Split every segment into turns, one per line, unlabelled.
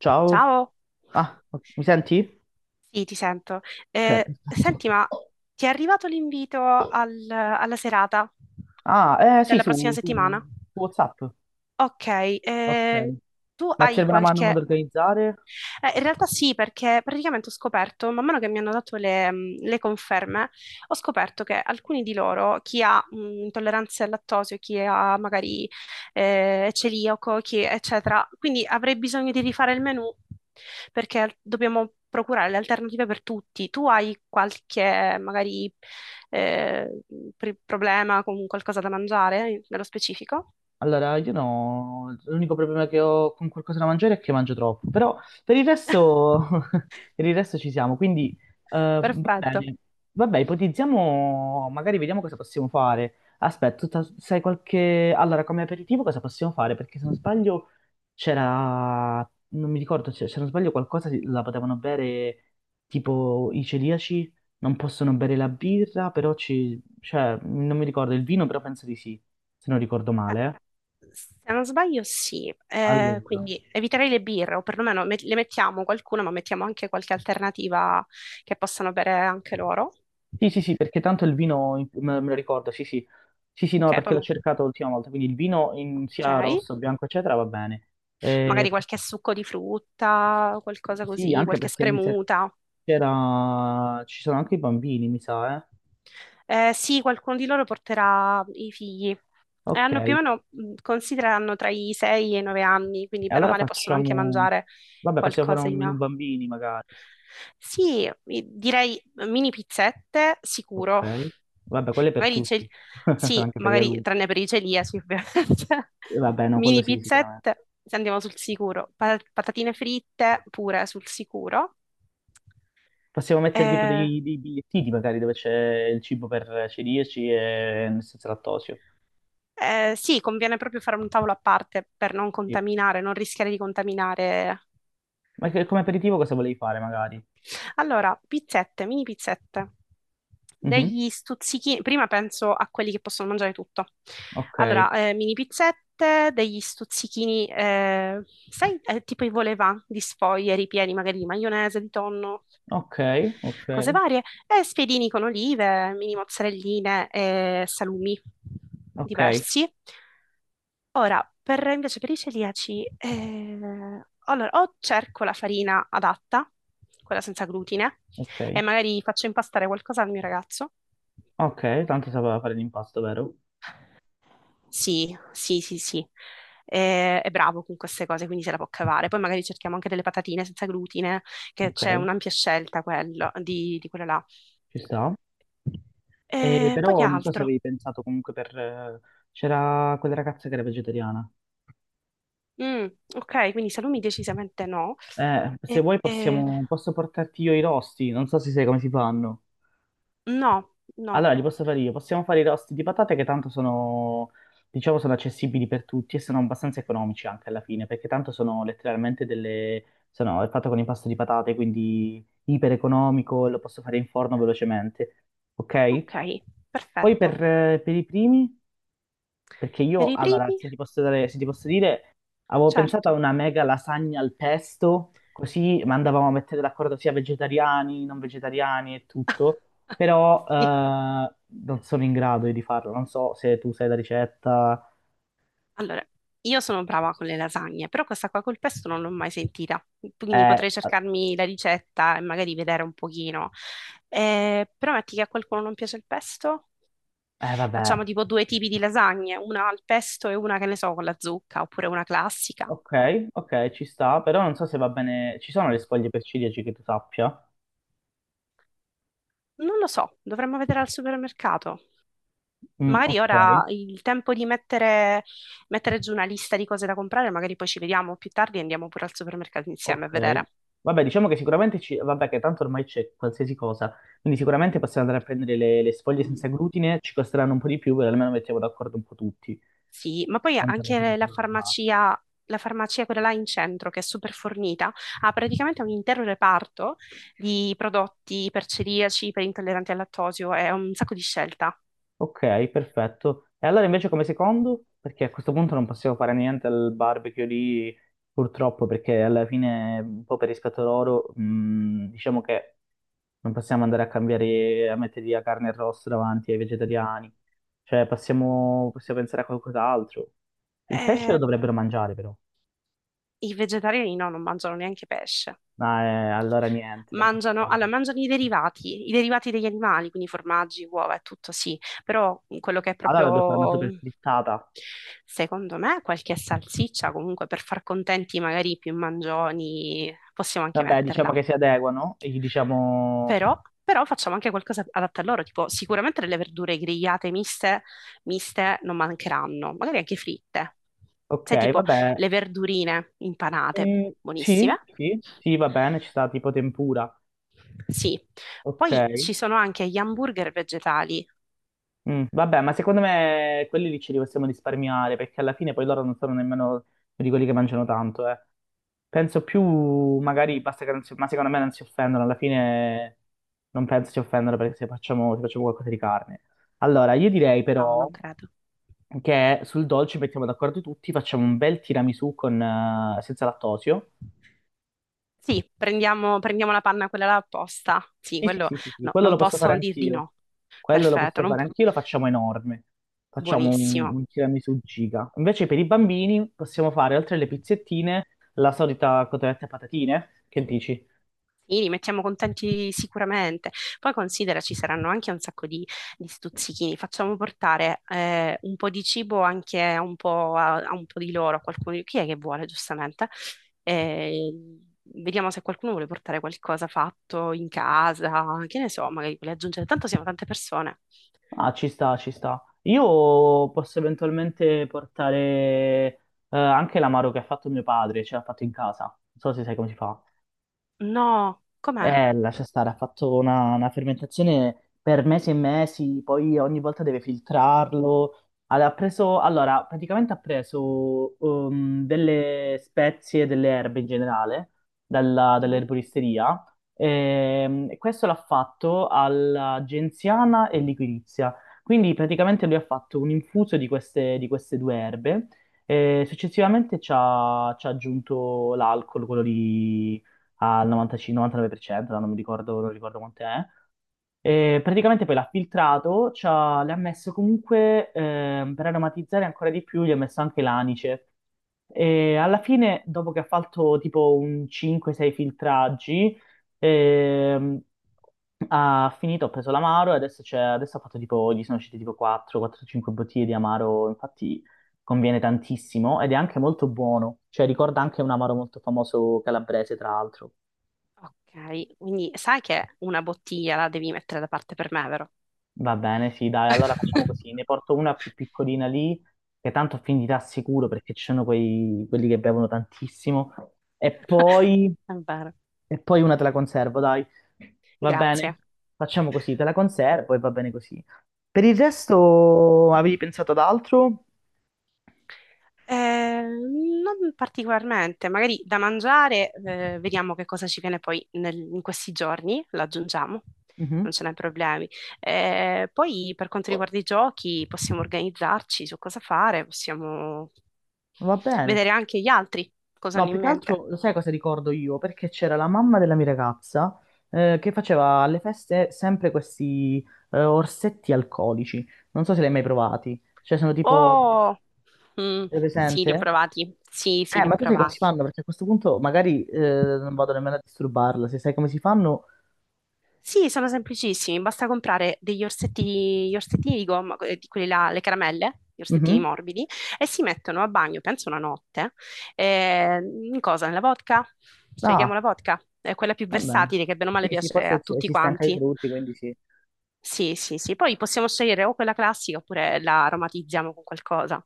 Ciao.
Ciao,
Ah, mi senti?
sì, ti sento.
Ok, perfetto.
Senti, ma ti è arrivato l'invito alla serata
Ah, eh sì,
della prossima
su, su-
settimana?
su WhatsApp.
Ok,
Ok.
eh, tu
Ma ti
hai
serve una mano
qualche.
ad organizzare?
In realtà sì, perché praticamente ho scoperto, man mano che mi hanno dato le conferme, ho scoperto che alcuni di loro, chi ha intolleranze al lattosio, chi ha magari celiaco, chi, eccetera, quindi avrei bisogno di rifare il menù perché dobbiamo procurare le alternative per tutti. Tu hai qualche magari eh, problema con qualcosa da mangiare, nello specifico?
Allora, io no, l'unico problema che ho con qualcosa da mangiare è che mangio troppo, però per il resto, per il resto ci siamo, quindi va
Perfetto.
bene. Vabbè, ipotizziamo, magari vediamo cosa possiamo fare. Aspetta, tu sai qualche. Allora, come aperitivo cosa possiamo fare? Perché se non sbaglio c'era, non mi ricordo, se non sbaglio qualcosa la potevano bere tipo i celiaci, non possono bere la birra, però ci, cioè, non mi ricordo il vino, però penso di sì, se non ricordo male.
Se non sbaglio, sì. Eh,
Allora,
quindi eviterei le birre, o perlomeno le mettiamo qualcuna, ma mettiamo anche qualche alternativa che possano bere anche loro.
sì, sì, sì, perché tanto il vino, me lo ricordo, sì, sì, sì, sì, no,
Ok,
perché
poi
l'ho cercato l'ultima volta, quindi il vino in
ok.
sia rosso, bianco, eccetera, va bene. Eh,
Magari qualche succo di frutta, qualcosa
sì,
così,
anche
qualche
perché mi sa
spremuta.
ci sono anche i bambini, mi sa, eh.
Sì, qualcuno di loro porterà i figli. E hanno più o
Ok.
meno, considerano tra i 6 e i 9 anni, quindi
E
bene o
allora
male possono anche
facciamo.
mangiare
Vabbè, possiamo fare un menù
qualcosina.
bambini magari.
Sì, direi mini pizzette,
Ok.
sicuro.
Vabbè, quello è per
Magari c'è.
tutti.
Sì,
Anche per gli
magari
adulti.
tranne per i celiaci, ovviamente.
Vabbè, no, quello
Mini
sì, sicuramente.
pizzette, se andiamo sul sicuro. Patatine fritte, pure sul sicuro.
Possiamo mettere tipo
Eh,
dei bigliettini magari dove c'è il cibo per celiaci e senza lattosio.
eh, sì, conviene proprio fare un tavolo a parte per non
Sì.
contaminare, non rischiare di contaminare.
Ma come aperitivo cosa volevi fare magari?
Allora, pizzette, mini pizzette,
Mhm.
degli stuzzichini, prima penso a quelli che possono mangiare tutto.
Ok,
Allora, mini pizzette, degli stuzzichini, sai, tipo i volevà di sfoglie ripieni magari di maionese, di tonno,
ok, ok,
cose varie, e spiedini con olive, mini mozzarelline e salumi
ok,
diversi. Ora, per, invece per i celiaci, allora, o cerco la farina adatta, quella senza glutine, e
ok,
magari faccio impastare qualcosa al mio ragazzo.
ok. Tanto sapeva fare l'impasto, vero?
Sì, sì, sì, sì. È bravo con queste cose, quindi se la può cavare. Poi magari cerchiamo anche delle patatine senza glutine, che
Ok,
c'è un'ampia scelta di quello là.
ci sta.
Poi che
Però non so se
altro?
avevi pensato comunque c'era quella ragazza che era vegetariana.
Mm, ok, quindi salumi decisamente no.
Se
Eh,
vuoi
eh,
posso portarti io i rosti, non so se sai come si fanno.
no, no.
Allora, li posso fare io. Possiamo fare i rosti di patate che tanto sono, diciamo, sono accessibili per tutti e sono abbastanza economici anche alla fine, perché tanto sono letteralmente sono è fatto con impasto di patate, quindi iper economico, lo posso fare in forno velocemente. Ok?
Ok,
Poi
perfetto.
per i primi. Perché
Per
io,
i
allora,
primi?
se ti posso dire, avevo pensato a
Certo.
una mega lasagna al pesto, così mandavamo a mettere d'accordo sia vegetariani, non vegetariani e tutto, però
Sì.
non sono in grado di farlo, non so se tu sai la ricetta,
Allora, io sono brava con le lasagne, però questa qua col pesto non l'ho mai sentita, quindi
eh,
potrei cercarmi la ricetta e magari vedere un pochino. Però metti che a qualcuno non piace il pesto, facciamo
vabbè,
tipo due tipi di lasagne, una al pesto e una che ne so con la zucca, oppure una classica.
ok, ok, ci sta, però non so se va bene, ci sono le sfoglie per ciliegi che tu sappia?
Non lo so, dovremmo vedere al supermercato.
Mm,
Magari
ok.
ora il tempo di mettere giù una lista di cose da comprare, magari poi ci vediamo più tardi e andiamo pure al supermercato insieme a
Ok,
vedere.
vabbè, diciamo che sicuramente ci. Vabbè, che tanto ormai c'è qualsiasi cosa, quindi sicuramente possiamo andare a prendere le sfoglie senza glutine, ci costeranno un po' di più, però almeno mettiamo d'accordo un po' tutti.
Sì, ma poi
Tanto alla fine
anche
siamo alla base.
la farmacia quella là in centro, che è super fornita, ha praticamente un intero reparto di prodotti per celiaci, per intolleranti al lattosio, è un sacco di scelta.
Ok, perfetto. E allora invece come secondo? Perché a questo punto non possiamo fare niente al barbecue lì, purtroppo, perché alla fine, un po' per rispetto loro, diciamo che non possiamo andare a cambiare, a mettere la carne e rosso davanti ai vegetariani. Cioè, possiamo pensare a qualcos'altro. Il pesce lo
Eh,
dovrebbero mangiare, però.
I vegetariani no, non mangiano neanche pesce.
Ah, allora niente, non
Mangiano, allora,
possiamo.
mangiano i derivati degli animali, quindi formaggi, uova e tutto, sì, però quello che è
Allora dobbiamo fare una
proprio,
super frittata.
secondo me, qualche salsiccia, comunque per far contenti magari i più mangioni, possiamo anche
Vabbè, diciamo
metterla.
che si adeguano e gli diciamo.
Però facciamo anche qualcosa adatto a loro, tipo sicuramente delle verdure grigliate miste, miste non mancheranno, magari anche fritte.
Ok,
Sai, tipo
vabbè.
le verdurine impanate,
Mm, sì,
buonissime.
sì, sì, va bene, ci sta tipo tempura.
Sì.
Ok.
Poi ci sono anche gli hamburger vegetali.
Mm, vabbè, ma secondo me quelli lì ce li possiamo risparmiare, perché alla fine poi loro non sono nemmeno di quelli che mangiano tanto, eh. Penso più, magari basta che non si, ma secondo me non si offendono, alla fine non penso si offendano perché se facciamo qualcosa di carne. Allora, io direi
No, non
però
credo.
che sul dolce mettiamo d'accordo tutti, facciamo un bel tiramisù senza lattosio.
Sì, prendiamo la panna quella là apposta. Sì,
Sì, sì,
quello
sì, sì, sì,
no,
quello
non
lo posso fare
possono dir di
anch'io.
no.
Quello lo
Perfetto,
posso fare anch'io, lo facciamo enorme. Facciamo un,
buonissimo.
un tiramisù giga. Invece per i bambini possiamo fare, oltre alle pizzettine, la solita cotoletta e patatine. Che dici?
Li mettiamo contenti sicuramente. Poi considera ci saranno anche un sacco di stuzzichini. Facciamo portare un po' di cibo anche a un po', a un po' di loro, a qualcuno. Chi è che vuole, giustamente? Eh, Vediamo se qualcuno vuole portare qualcosa fatto in casa, che ne so, magari vuole aggiungere. Tanto siamo tante persone.
Ah, ci sta, ci sta. Io posso eventualmente portare anche l'amaro che ha fatto mio padre, ce l'ha fatto in casa. Non so se sai come si fa.
No, com'è?
Lascia stare, ha fatto una fermentazione per mesi e mesi, poi ogni volta deve filtrarlo. Ha preso, allora, praticamente delle spezie, delle erbe in generale, dalla-
Mhm.
dall'erboristeria, e questo l'ha fatto alla genziana e liquirizia. Quindi praticamente lui ha fatto un infuso di queste, due erbe e successivamente ci ha aggiunto l'alcol, quello al 95 99%, non mi ricordo, non ricordo quanto è. E praticamente poi l'ha filtrato, le ha messo comunque, per aromatizzare ancora di più, gli ha messo anche l'anice. E alla fine, dopo che ha fatto tipo un 5-6 filtraggi, ehm, ha finito, ha preso l'amaro e adesso ha fatto tipo, gli sono uscite tipo 4-4-5 bottiglie di amaro, infatti conviene tantissimo ed è anche molto buono, cioè ricorda anche un amaro molto famoso calabrese, tra l'altro.
Ok, quindi sai che una bottiglia la devi mettere da parte per me, vero?
Va bene, sì, dai, allora facciamo così, ne porto una più piccolina lì, che tanto finirà sicuro perché ci sono quelli che bevono tantissimo, e poi,
È vero.
e poi una te la conservo, dai, va
Grazie.
bene? Facciamo così, te la conservo e va bene così. Per il resto avevi pensato ad altro?
Non particolarmente, magari da mangiare, vediamo che cosa ci viene poi in questi giorni, lo aggiungiamo,
Mhm.
non ce n'è problemi. Poi per quanto riguarda i giochi, possiamo organizzarci su cosa fare, possiamo
Va bene.
vedere anche gli altri cosa
No,
hanno
più
in
che
mente.
altro, lo sai cosa ricordo io? Perché c'era la mamma della mia ragazza che faceva alle feste sempre questi orsetti alcolici. Non so se li hai mai provati. Cioè, sono tipo.
Oh, mm,
Sei
sì, li ho
presente?
provati, sì, sì, li ho
Ma tu sai come si
provati.
fanno? Perché a questo punto magari non vado nemmeno a disturbarla. Se sai come si fanno.
Sì, sono semplicissimi, basta comprare degli orsetti, gli orsettini di gomma, di quelli là, le caramelle, gli orsettini
Mhm.
morbidi, e si mettono a bagno, penso una notte, in cosa? Nella vodka? Scegliamo
Ah,
la vodka, è quella più
va bene.
versatile, che bene o male
Sì, sì,
piace
forse
a tutti
esiste anche ai
quanti.
frutti, quindi sì.
Sì, sì, sì, poi possiamo scegliere o quella classica oppure la aromatizziamo con qualcosa.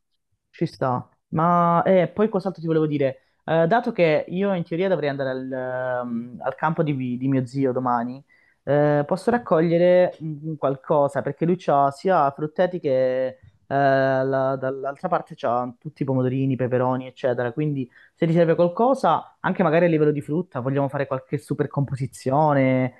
Ci sta, ma poi cos'altro ti volevo dire? Dato che io in teoria dovrei andare al campo di mio zio domani, posso raccogliere qualcosa perché lui ha sia frutteti che dall'altra parte c'ha tutti i pomodorini, peperoni, eccetera. Quindi se ti serve qualcosa, anche magari a livello di frutta, vogliamo fare qualche super composizione,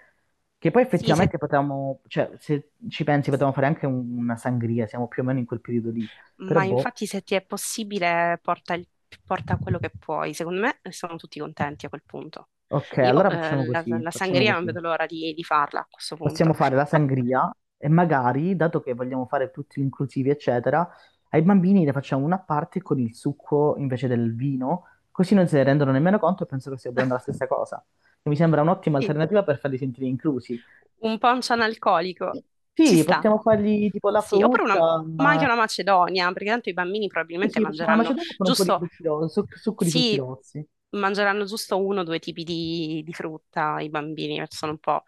che poi
Sì, se.
effettivamente potevamo, cioè se ci pensi potevamo fare anche una sangria, siamo più o meno in quel periodo lì. Però
Ma
boh.
infatti se ti è possibile porta quello che puoi, secondo me sono tutti contenti a quel punto.
Ok,
Io
allora facciamo
la,
così,
la
facciamo
sangria non
così.
vedo l'ora di farla a questo
Possiamo
punto.
fare la
Ma-
sangria e magari, dato che vogliamo fare tutti inclusivi, eccetera, ai bambini ne facciamo una a parte con il succo invece del vino, così non se ne rendono nemmeno conto e penso che stia bevendo la stessa cosa. E mi sembra un'ottima
Sì.
alternativa per farli sentire inclusi.
Un poncio analcolico, ci
Sì,
sta.
possiamo fargli tipo la
Sì, oppure una,
frutta,
ma anche
ma-
una macedonia, perché tanto i bambini
Sì,
probabilmente
sì, facciamo una macedonia con un po' di
giusto,
frutti rossi, succo di frutti
sì,
rossi.
mangeranno giusto uno o due tipi di frutta, i bambini, perché sono un po',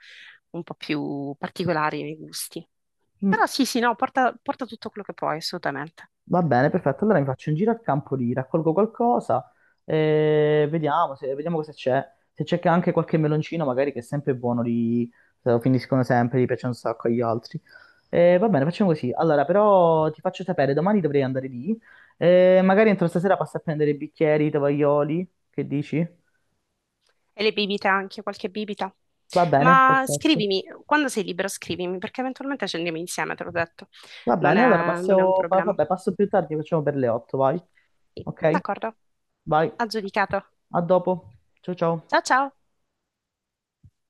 un po' più particolari nei gusti.
Mm.
Però sì, sì, no, porta tutto quello che puoi, assolutamente.
Va bene, perfetto. Allora mi faccio un giro al campo lì, raccolgo qualcosa e vediamo cosa c'è. Se c'è che anche qualche meloncino, magari che è sempre buono, li, se lo finiscono sempre, gli piace un sacco agli altri. E va bene, facciamo così. Allora, però ti faccio sapere, domani dovrei andare lì. E magari entro stasera passo a prendere i bicchieri, i tovaglioli, che dici?
E le bibite anche, qualche bibita.
Va bene,
Ma
perfetto.
scrivimi, quando sei libero scrivimi, perché eventualmente ci andiamo insieme, te l'ho detto.
Va
Non
bene, allora
è, non è un problema.
vabbè, passo più tardi, facciamo per le 8, vai. Ok?
D'accordo,
Vai.
aggiudicato.
A dopo. Ciao ciao.
Ciao ciao!